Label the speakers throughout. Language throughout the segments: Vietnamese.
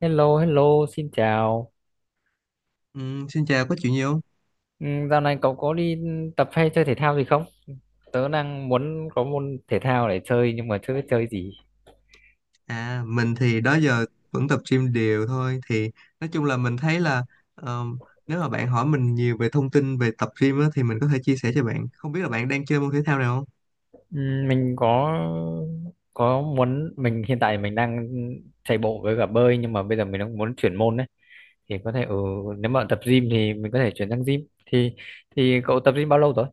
Speaker 1: Hello, hello, xin chào.
Speaker 2: Ừ, xin chào, có chuyện gì không?
Speaker 1: Ừ, dạo này cậu có đi tập hay chơi thể thao gì không? Tớ đang muốn có môn thể thao để chơi nhưng mà chưa biết chơi gì.
Speaker 2: À, mình thì đó giờ vẫn tập gym đều thôi. Thì nói chung là mình thấy là ờ, nếu mà bạn hỏi mình nhiều về thông tin về tập gym á, thì mình có thể chia sẻ cho bạn. Không biết là bạn đang chơi môn thể thao nào không?
Speaker 1: Ừ, mình có muốn mình hiện tại mình đang chạy bộ với cả bơi nhưng mà bây giờ mình đang muốn chuyển môn đấy. Thì có thể ừ, nếu mà tập gym thì mình có thể chuyển sang gym. Thì cậu tập gym bao lâu rồi?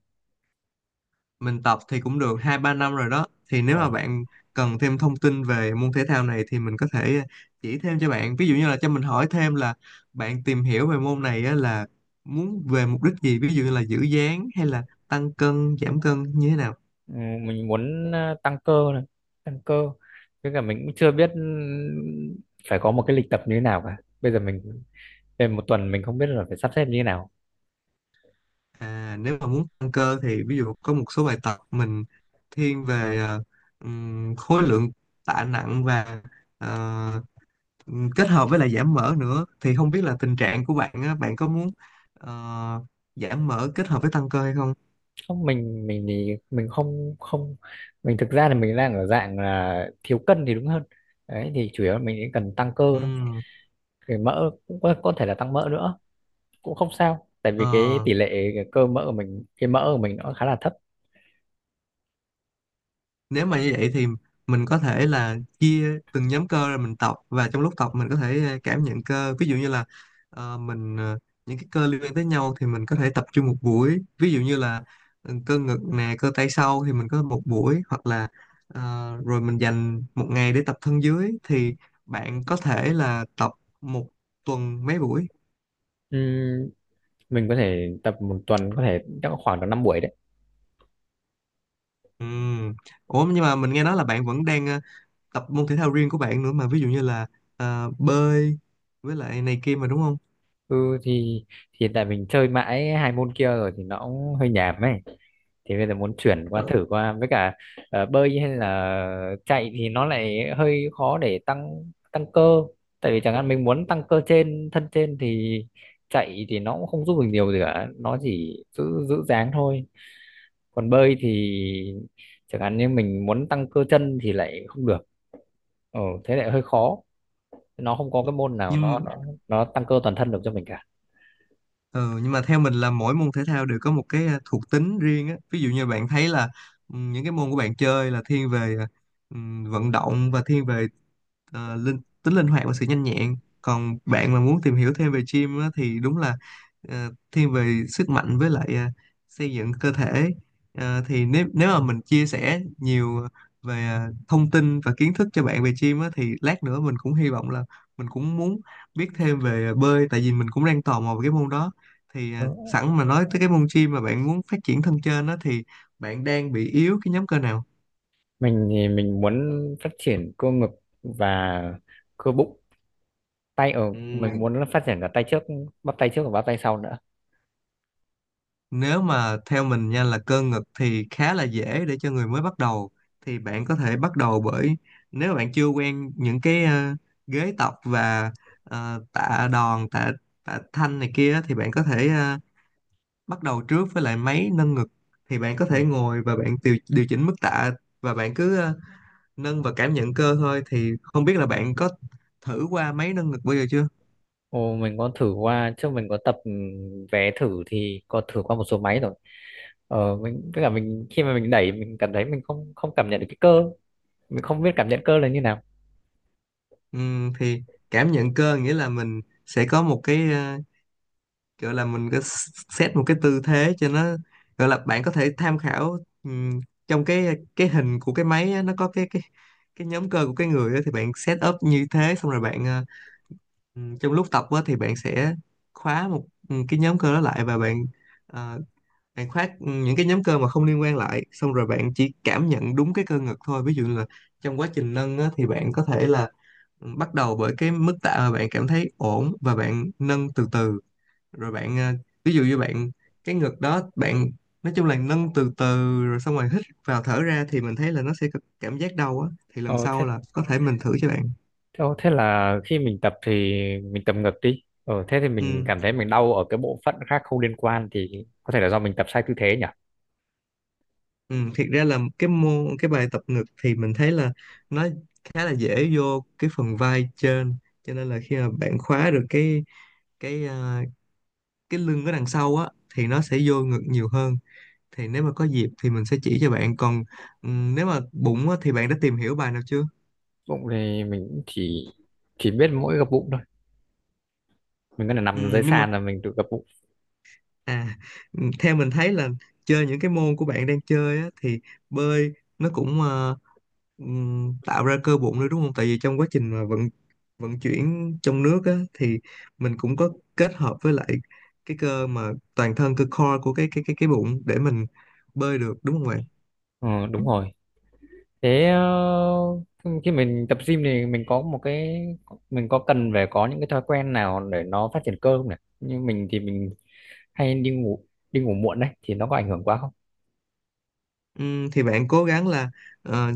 Speaker 2: Mình tập thì cũng được hai ba năm rồi đó. Thì nếu mà
Speaker 1: Ờ.
Speaker 2: bạn cần thêm thông tin về môn thể thao này thì mình có thể chỉ thêm cho bạn. Ví dụ như là cho mình hỏi thêm là bạn tìm hiểu về môn này á, là muốn về mục đích gì? Ví dụ như là giữ dáng hay là tăng cân, giảm cân như thế nào?
Speaker 1: Ừ, mình muốn ờ, tăng cơ này, tăng cơ. Với cả mình cũng chưa biết ừ, phải có một cái lịch tập như thế nào cả. Bây giờ mình, để một tuần mình không biết là phải sắp xếp như thế nào.
Speaker 2: À, nếu mà muốn tăng cơ thì ví dụ có một số bài tập mình thiên về khối lượng tạ nặng và ờ, kết hợp với lại giảm mỡ nữa thì không biết là tình trạng của bạn á, bạn có muốn ờ, giảm mỡ kết hợp với tăng cơ hay không?
Speaker 1: Không, mình thì mình không không, mình thực ra là mình đang ở dạng là thiếu cân thì đúng hơn đấy. Thì chủ yếu là mình chỉ cần tăng cơ thôi,
Speaker 2: Ừm,
Speaker 1: cái mỡ cũng có thể là tăng mỡ nữa cũng không sao tại vì cái
Speaker 2: ờ,
Speaker 1: tỷ lệ cái cơ mỡ của mình, cái mỡ của mình nó khá là thấp.
Speaker 2: Nếu mà như vậy thì mình có thể là chia từng nhóm cơ rồi mình tập và trong lúc tập mình có thể cảm nhận cơ ví dụ như là ờ, mình ờ, những cái cơ liên quan tới nhau thì mình có thể tập trung một buổi ví dụ như là cơ ngực nè cơ tay sau thì mình có một buổi, hoặc là ờ, rồi mình dành một ngày để tập thân dưới. Thì bạn có thể là tập một tuần mấy buổi?
Speaker 1: Ừm, mình có thể tập một tuần có thể chắc khoảng tầm 5 buổi đấy.
Speaker 2: Ừm. Ủa nhưng mà mình nghe nói là bạn vẫn đang tập môn thể thao riêng của bạn nữa mà, ví dụ như là bơi với lại này kia mà, đúng không?
Speaker 1: Ừ thì hiện tại mình chơi mãi hai môn kia rồi thì nó cũng hơi nhàm ấy, thì bây giờ muốn chuyển qua,
Speaker 2: Ờ,
Speaker 1: thử qua với cả ờ, bơi hay là chạy thì nó lại hơi khó để tăng tăng cơ. Tại vì chẳng hạn mình muốn tăng cơ trên, thân trên thì chạy thì nó cũng không giúp mình nhiều gì cả, nó chỉ giữ giữ dáng thôi. Còn bơi thì chẳng hạn như mình muốn tăng cơ chân thì lại không được, ừ, thế lại hơi khó, nó không có cái môn nào nó
Speaker 2: nhưng
Speaker 1: nó nó tăng cơ toàn thân được cho mình cả.
Speaker 2: ờ, nhưng mà theo mình là mỗi môn thể thao đều có một cái thuộc tính riêng á. Ví dụ như bạn thấy là những cái môn của bạn chơi là thiên về ừ, vận động và thiên về linh hoạt và sự nhanh nhẹn, còn bạn mà muốn tìm hiểu thêm về gym á, thì đúng là thiên về sức mạnh với lại xây dựng cơ thể. Ờ, thì nếu nếu mà mình chia sẻ nhiều về thông tin và kiến thức cho bạn về gym á, thì lát nữa mình cũng hy vọng là mình cũng muốn biết thêm về bơi, tại vì mình cũng đang tò mò về cái môn đó. Thì
Speaker 1: Ừ.
Speaker 2: sẵn mà nói tới cái môn gym mà bạn muốn phát triển thân trên đó, thì bạn đang bị yếu cái nhóm cơ nào?
Speaker 1: Mình thì mình muốn phát triển cơ ngực và cơ bụng, tay ở mình muốn là phát triển cả tay trước, bắp tay trước và bắp tay sau nữa.
Speaker 2: Nếu mà theo mình nha, là cơ ngực thì khá là dễ để cho người mới bắt đầu. Thì bạn có thể bắt đầu bởi, nếu bạn chưa quen những cái ghế tập và tạ đòn, tạ tạ thanh này kia, thì bạn có thể bắt đầu trước với lại máy nâng ngực. Thì bạn có
Speaker 1: Ừ.
Speaker 2: thể ngồi và bạn điều chỉnh mức tạ, và bạn cứ nâng và cảm nhận cơ thôi. Thì không biết là bạn có thử qua máy nâng ngực bao giờ chưa?
Speaker 1: Ồ, mình có thử qua, trước mình có tập ừ, vé thử thì có thử qua một số máy rồi. Ờ, mình với cả mình khi mà mình đẩy mình cảm thấy mình không không cảm nhận được cái cơ, mình không biết cảm nhận cơ là như nào.
Speaker 2: Thì cảm nhận cơ nghĩa là mình sẽ có một cái kiểu là mình có set một cái tư thế cho nó, gọi là bạn có thể tham khảo trong cái hình của cái máy á, nó có cái nhóm cơ của cái người á, thì bạn set up như thế xong rồi bạn trong lúc tập á, thì bạn sẽ khóa một cái nhóm cơ đó lại, và ờ, bạn khóa những cái nhóm cơ mà không liên quan lại, xong rồi bạn chỉ cảm nhận đúng cái cơ ngực thôi. Ví dụ như là trong quá trình nâng á, thì bạn có thể là bắt đầu bởi cái mức tạ mà bạn cảm thấy ổn, và bạn nâng từ từ, rồi bạn ví dụ như bạn cái ngực đó, bạn nói chung là nâng từ từ rồi xong rồi hít vào thở ra, thì mình thấy là nó sẽ có cảm giác đau á, thì lần
Speaker 1: Ờ,
Speaker 2: sau
Speaker 1: thế
Speaker 2: là có thể mình thử cho bạn.
Speaker 1: ờ, thế là khi mình tập thì mình tập ngược đi, ờ, thế thì mình
Speaker 2: ừ,
Speaker 1: cảm thấy mình đau ở cái bộ phận khác không liên quan thì có thể là do mình tập sai tư thế nhỉ.
Speaker 2: ừ Thiệt ra là cái bài tập ngực thì mình thấy là nó khá là dễ vô cái phần vai trên, cho nên là khi mà bạn khóa được cái ờ, cái lưng ở đằng sau á, thì nó sẽ vô ngực nhiều hơn. Thì nếu mà có dịp thì mình sẽ chỉ cho bạn. Còn nếu mà bụng á, thì bạn đã tìm hiểu bài nào chưa?
Speaker 1: Bụng thì mình cũng chỉ biết mỗi gập bụng thôi, mình có thể
Speaker 2: Ừ,
Speaker 1: nằm dưới
Speaker 2: nhưng mà
Speaker 1: sàn là mình tự gập bụng.
Speaker 2: À, ừ, theo mình thấy là chơi những cái môn của bạn đang chơi á, thì bơi nó cũng tạo ra cơ bụng nữa đúng không? Tại vì trong quá trình mà vận vận chuyển trong nước á, thì mình cũng có kết hợp với lại cái cơ mà toàn thân, cơ core của cái bụng để mình bơi được, đúng không bạn?
Speaker 1: Ờ, đúng rồi. Thế ờ, khi mình tập gym thì mình có một cái, mình có cần phải có những cái thói quen nào để nó phát triển cơ không nhỉ? Như mình thì mình hay đi ngủ, đi ngủ muộn đấy thì nó có ảnh hưởng quá không?
Speaker 2: Thì bạn cố gắng là ờ,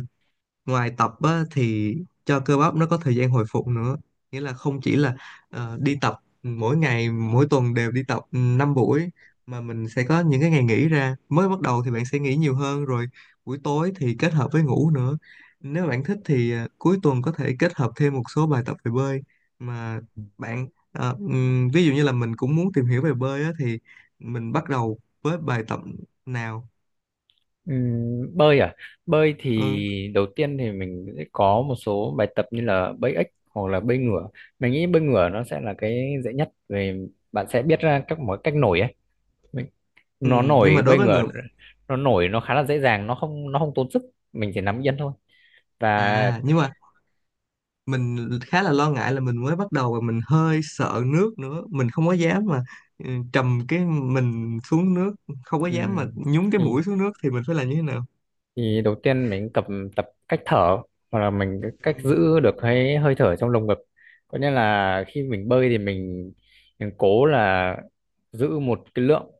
Speaker 2: ngoài tập á, thì cho cơ bắp nó có thời gian hồi phục nữa, nghĩa là không chỉ là đi tập mỗi ngày, mỗi tuần đều đi tập 5 buổi, mà mình sẽ có những cái ngày nghỉ ra. Mới bắt đầu thì bạn sẽ nghỉ nhiều hơn, rồi buổi tối thì kết hợp với ngủ nữa. Nếu bạn thích thì cuối tuần có thể kết hợp thêm một số bài tập về bơi. Mà bạn ví dụ như là mình cũng muốn tìm hiểu về bơi á, thì mình bắt đầu với bài tập nào?
Speaker 1: Bơi à, bơi
Speaker 2: ừ,
Speaker 1: thì đầu tiên thì mình sẽ có một số bài tập như là bơi ếch hoặc là bơi ngửa. Mình nghĩ bơi ngửa nó sẽ là cái dễ nhất vì bạn sẽ biết ra các mọi cách nổi ấy. Mình,
Speaker 2: ừ,
Speaker 1: nó
Speaker 2: nhưng mà
Speaker 1: nổi,
Speaker 2: đối
Speaker 1: bơi
Speaker 2: với
Speaker 1: ngửa
Speaker 2: người
Speaker 1: nó nổi nó khá là dễ dàng, nó không tốn sức, mình chỉ nằm yên thôi. Và
Speaker 2: à nhưng mà mình khá là lo ngại là mình mới bắt đầu và mình hơi sợ nước nữa, mình không có dám mà trầm cái mình xuống nước, không có
Speaker 1: ừ,
Speaker 2: dám mà nhúng cái
Speaker 1: thì
Speaker 2: mũi xuống nước, thì mình phải làm như thế nào?
Speaker 1: thì đầu tiên mình tập tập cách thở hoặc là mình cái
Speaker 2: Ừ.
Speaker 1: cách giữ được cái hơi thở trong lồng ngực. Có nghĩa là khi mình bơi thì mình cố là giữ một cái lượng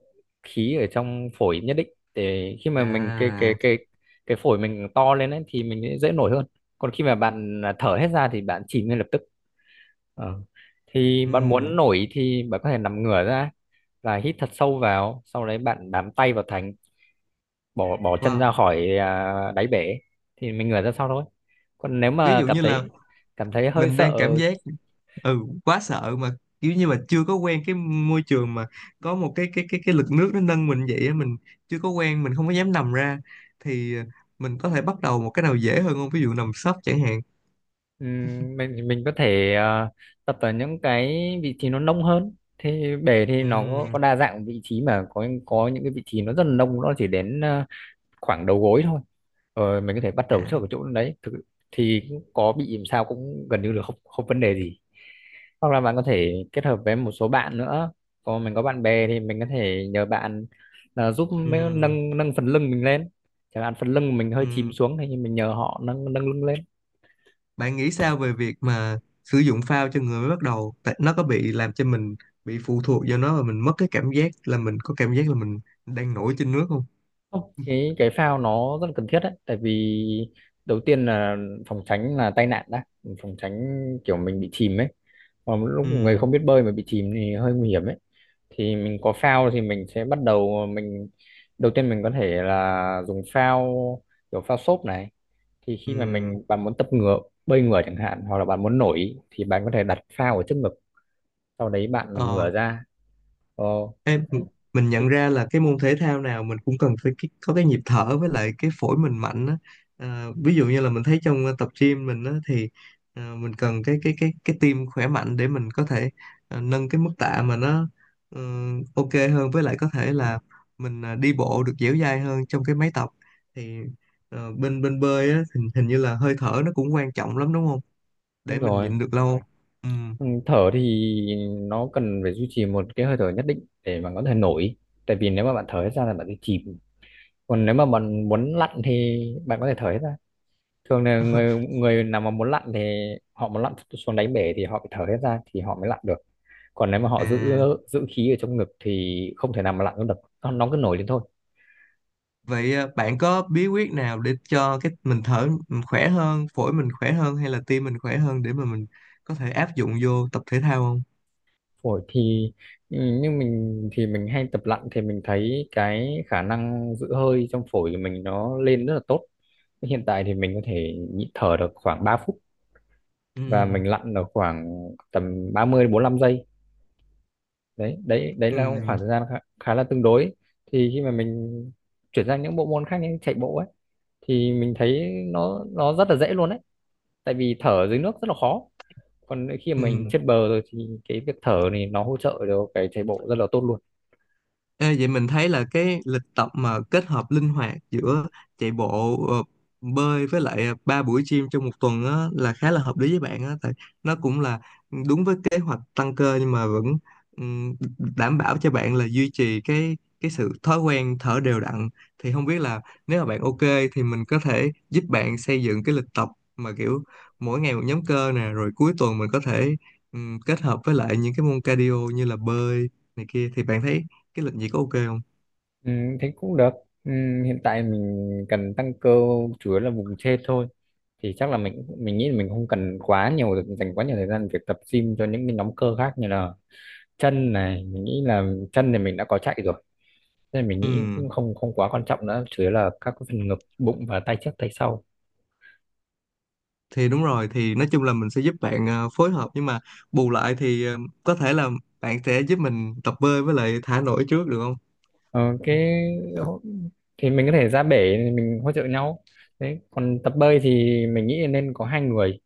Speaker 1: khí ở trong phổi nhất định, để khi mà mình cái cái
Speaker 2: À.
Speaker 1: cái cái phổi mình to lên ấy, thì mình sẽ dễ nổi hơn. Còn khi mà bạn thở hết ra thì bạn chìm ngay lập tức. Ờ. Thì bạn muốn
Speaker 2: Ừ.
Speaker 1: nổi thì bạn có thể nằm ngửa ra và hít thật sâu vào, sau đấy bạn bám tay vào thành, bỏ bỏ chân
Speaker 2: Wow.
Speaker 1: ra khỏi à, đáy bể, thì mình ngửa ra sau thôi. Còn nếu
Speaker 2: Ví
Speaker 1: mà
Speaker 2: dụ
Speaker 1: cảm
Speaker 2: như là
Speaker 1: thấy, hơi
Speaker 2: mình
Speaker 1: sợ.
Speaker 2: đang cảm giác ừ quá sợ mà, kiểu như mà chưa có quen cái môi trường mà có một cái lực nước nó nâng mình vậy á, mình chưa có quen, mình không có dám nằm ra, thì mình có thể bắt đầu một cái nào dễ hơn không, ví dụ nằm sấp chẳng hạn?
Speaker 1: Ừm, mình có thể à, tập ở những cái vị trí nó nông hơn. Thì bể thì nó có,
Speaker 2: Ừ.
Speaker 1: có đa dạng vị trí, mà có những cái vị trí nó rất là nông, nó chỉ đến à, khoảng đầu gối thôi, rồi mình có thể bắt đầu trước ở
Speaker 2: À.
Speaker 1: chỗ đấy thì có bị làm sao cũng gần như là không không vấn đề gì. Hoặc là bạn có thể kết hợp với một số bạn nữa, còn mình có bạn bè thì mình có thể nhờ bạn là giúp
Speaker 2: Ừ.
Speaker 1: nâng nâng phần lưng mình lên, chẳng hạn phần lưng mình hơi chìm
Speaker 2: Ừ.
Speaker 1: xuống thì mình nhờ họ nâng nâng lưng lên.
Speaker 2: Bạn nghĩ sao về việc mà sử dụng phao cho người mới bắt đầu? Tại nó có bị làm cho mình bị phụ thuộc vào nó và mình mất cái cảm giác là mình có cảm giác là mình đang nổi trên nước không?
Speaker 1: Không, cái phao nó rất là cần thiết đấy, tại vì đầu tiên là phòng tránh là tai nạn đã, phòng tránh kiểu mình bị chìm ấy, còn lúc
Speaker 2: Ừ.
Speaker 1: người không biết bơi mà bị chìm thì hơi nguy hiểm ấy. Thì mình có phao thì mình sẽ bắt đầu, mình đầu tiên mình có thể là dùng phao, kiểu phao xốp này. Thì
Speaker 2: Ừ.
Speaker 1: khi mà mình, bạn muốn tập ngửa, bơi ngửa chẳng hạn, hoặc là bạn muốn nổi thì bạn có thể đặt phao ở trước ngực, sau đấy bạn nằm
Speaker 2: Ờ.
Speaker 1: ngửa ra. Ờ,
Speaker 2: Ê,
Speaker 1: thì,
Speaker 2: mình nhận
Speaker 1: thì,
Speaker 2: ra là cái môn thể thao nào mình cũng cần phải có cái nhịp thở với lại cái phổi mình mạnh á. À, ví dụ như là mình thấy trong tập gym mình á, thì mình cần cái tim khỏe mạnh để mình có thể nâng cái mức tạ mà nó ờ, ok hơn, với lại có thể là mình đi bộ được dẻo dai hơn trong cái máy tập. Thì bên bên bơi á, hình như là hơi thở nó cũng quan trọng lắm đúng không? Để
Speaker 1: đúng
Speaker 2: mình
Speaker 1: rồi.
Speaker 2: nhịn được lâu. Ừ.
Speaker 1: Ừ, thở thì nó cần phải duy trì một cái hơi thở nhất định để mà có thể nổi, tại vì nếu mà bạn thở hết ra là bạn sẽ chìm. Còn nếu mà bạn muốn lặn thì bạn có thể thở hết ra, thường là người, người nào mà muốn lặn thì họ muốn lặn xuống đáy bể thì họ phải thở hết ra thì họ mới lặn được. Còn nếu mà họ giữ,
Speaker 2: À.
Speaker 1: giữ khí ở trong ngực thì không thể nào mà lặn được được, nó cứ nổi lên thôi.
Speaker 2: Vậy bạn có bí quyết nào để cho cái mình thở mình khỏe hơn, phổi mình khỏe hơn hay là tim mình khỏe hơn, để mà mình có thể áp dụng vô tập thể thao không?
Speaker 1: Phổi thì ừ, như mình thì mình hay tập lặn thì mình thấy cái khả năng giữ hơi trong phổi của mình nó lên rất là tốt. Hiện tại thì mình có thể nhịn thở được khoảng 3 phút, và mình
Speaker 2: Ừm.
Speaker 1: lặn được khoảng tầm 30 đến bốn lăm giây, đấy đấy đấy
Speaker 2: Ừ,
Speaker 1: là khoảng thời gian khá, khá là tương đối. Thì khi mà mình chuyển sang những bộ môn khác như chạy bộ ấy thì mình thấy nó rất là dễ luôn đấy, tại vì thở dưới nước rất là khó, còn khi mà mình
Speaker 2: ừ.
Speaker 1: trên bờ rồi thì cái việc thở này nó hỗ trợ cho cái chạy bộ rất là tốt luôn.
Speaker 2: Ê, vậy mình thấy là cái lịch tập mà kết hợp linh hoạt giữa chạy bộ, bơi, với lại 3 buổi gym trong một tuần á, là khá là hợp lý với bạn á, tại nó cũng là đúng với kế hoạch tăng cơ, nhưng mà vẫn ừm, đảm bảo cho bạn là duy trì cái sự thói quen thở đều đặn. Thì không biết là nếu mà bạn ok thì mình có thể giúp bạn xây dựng cái lịch tập mà kiểu mỗi ngày một nhóm cơ nè, rồi cuối tuần mình có thể kết hợp với lại những cái môn cardio như là bơi này kia. Thì bạn thấy cái lịch gì có ok không?
Speaker 1: Ừ, thế cũng được. Ừ, hiện tại mình cần tăng cơ chủ yếu là vùng trên thôi. Thì chắc là mình nghĩ là mình không cần quá nhiều, dành quá nhiều thời gian việc tập gym cho những cái nhóm cơ khác như là chân này, mình nghĩ là chân thì mình đã có chạy rồi. Nên mình
Speaker 2: Ừ,
Speaker 1: nghĩ cũng không không quá quan trọng nữa, chủ yếu là các cái phần ngực, bụng và tay trước tay sau.
Speaker 2: thì đúng rồi. Thì nói chung là mình sẽ giúp bạn phối hợp, nhưng mà bù lại thì có thể là bạn sẽ giúp mình tập bơi với lại thả nổi trước được không?
Speaker 1: Ờ, cái thì mình có thể ra bể mình hỗ trợ nhau. Đấy, còn tập bơi thì mình nghĩ nên có hai người,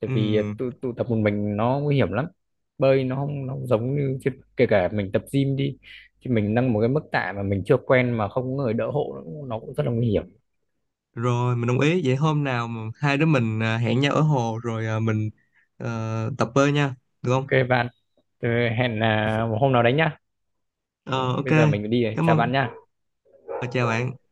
Speaker 1: tại vì à,
Speaker 2: Ừ
Speaker 1: tụ tập một mình nó nguy hiểm lắm. Bơi nó không, nó không giống như chứ, kể cả mình tập gym đi thì mình nâng một cái mức tạ mà mình chưa quen mà không có người đỡ hộ nó cũng, rất là nguy hiểm.
Speaker 2: rồi, mình đồng ý. Vậy hôm nào mà hai đứa mình hẹn nhau ở hồ rồi tập bơi nha, được không?
Speaker 1: OK bạn, thế hẹn à, một hôm nào đấy nhá,
Speaker 2: Ờ ok.
Speaker 1: bây giờ mình phải đi rồi,
Speaker 2: Cảm
Speaker 1: chào
Speaker 2: ơn.
Speaker 1: bạn nhá.
Speaker 2: Ờ, chào bạn.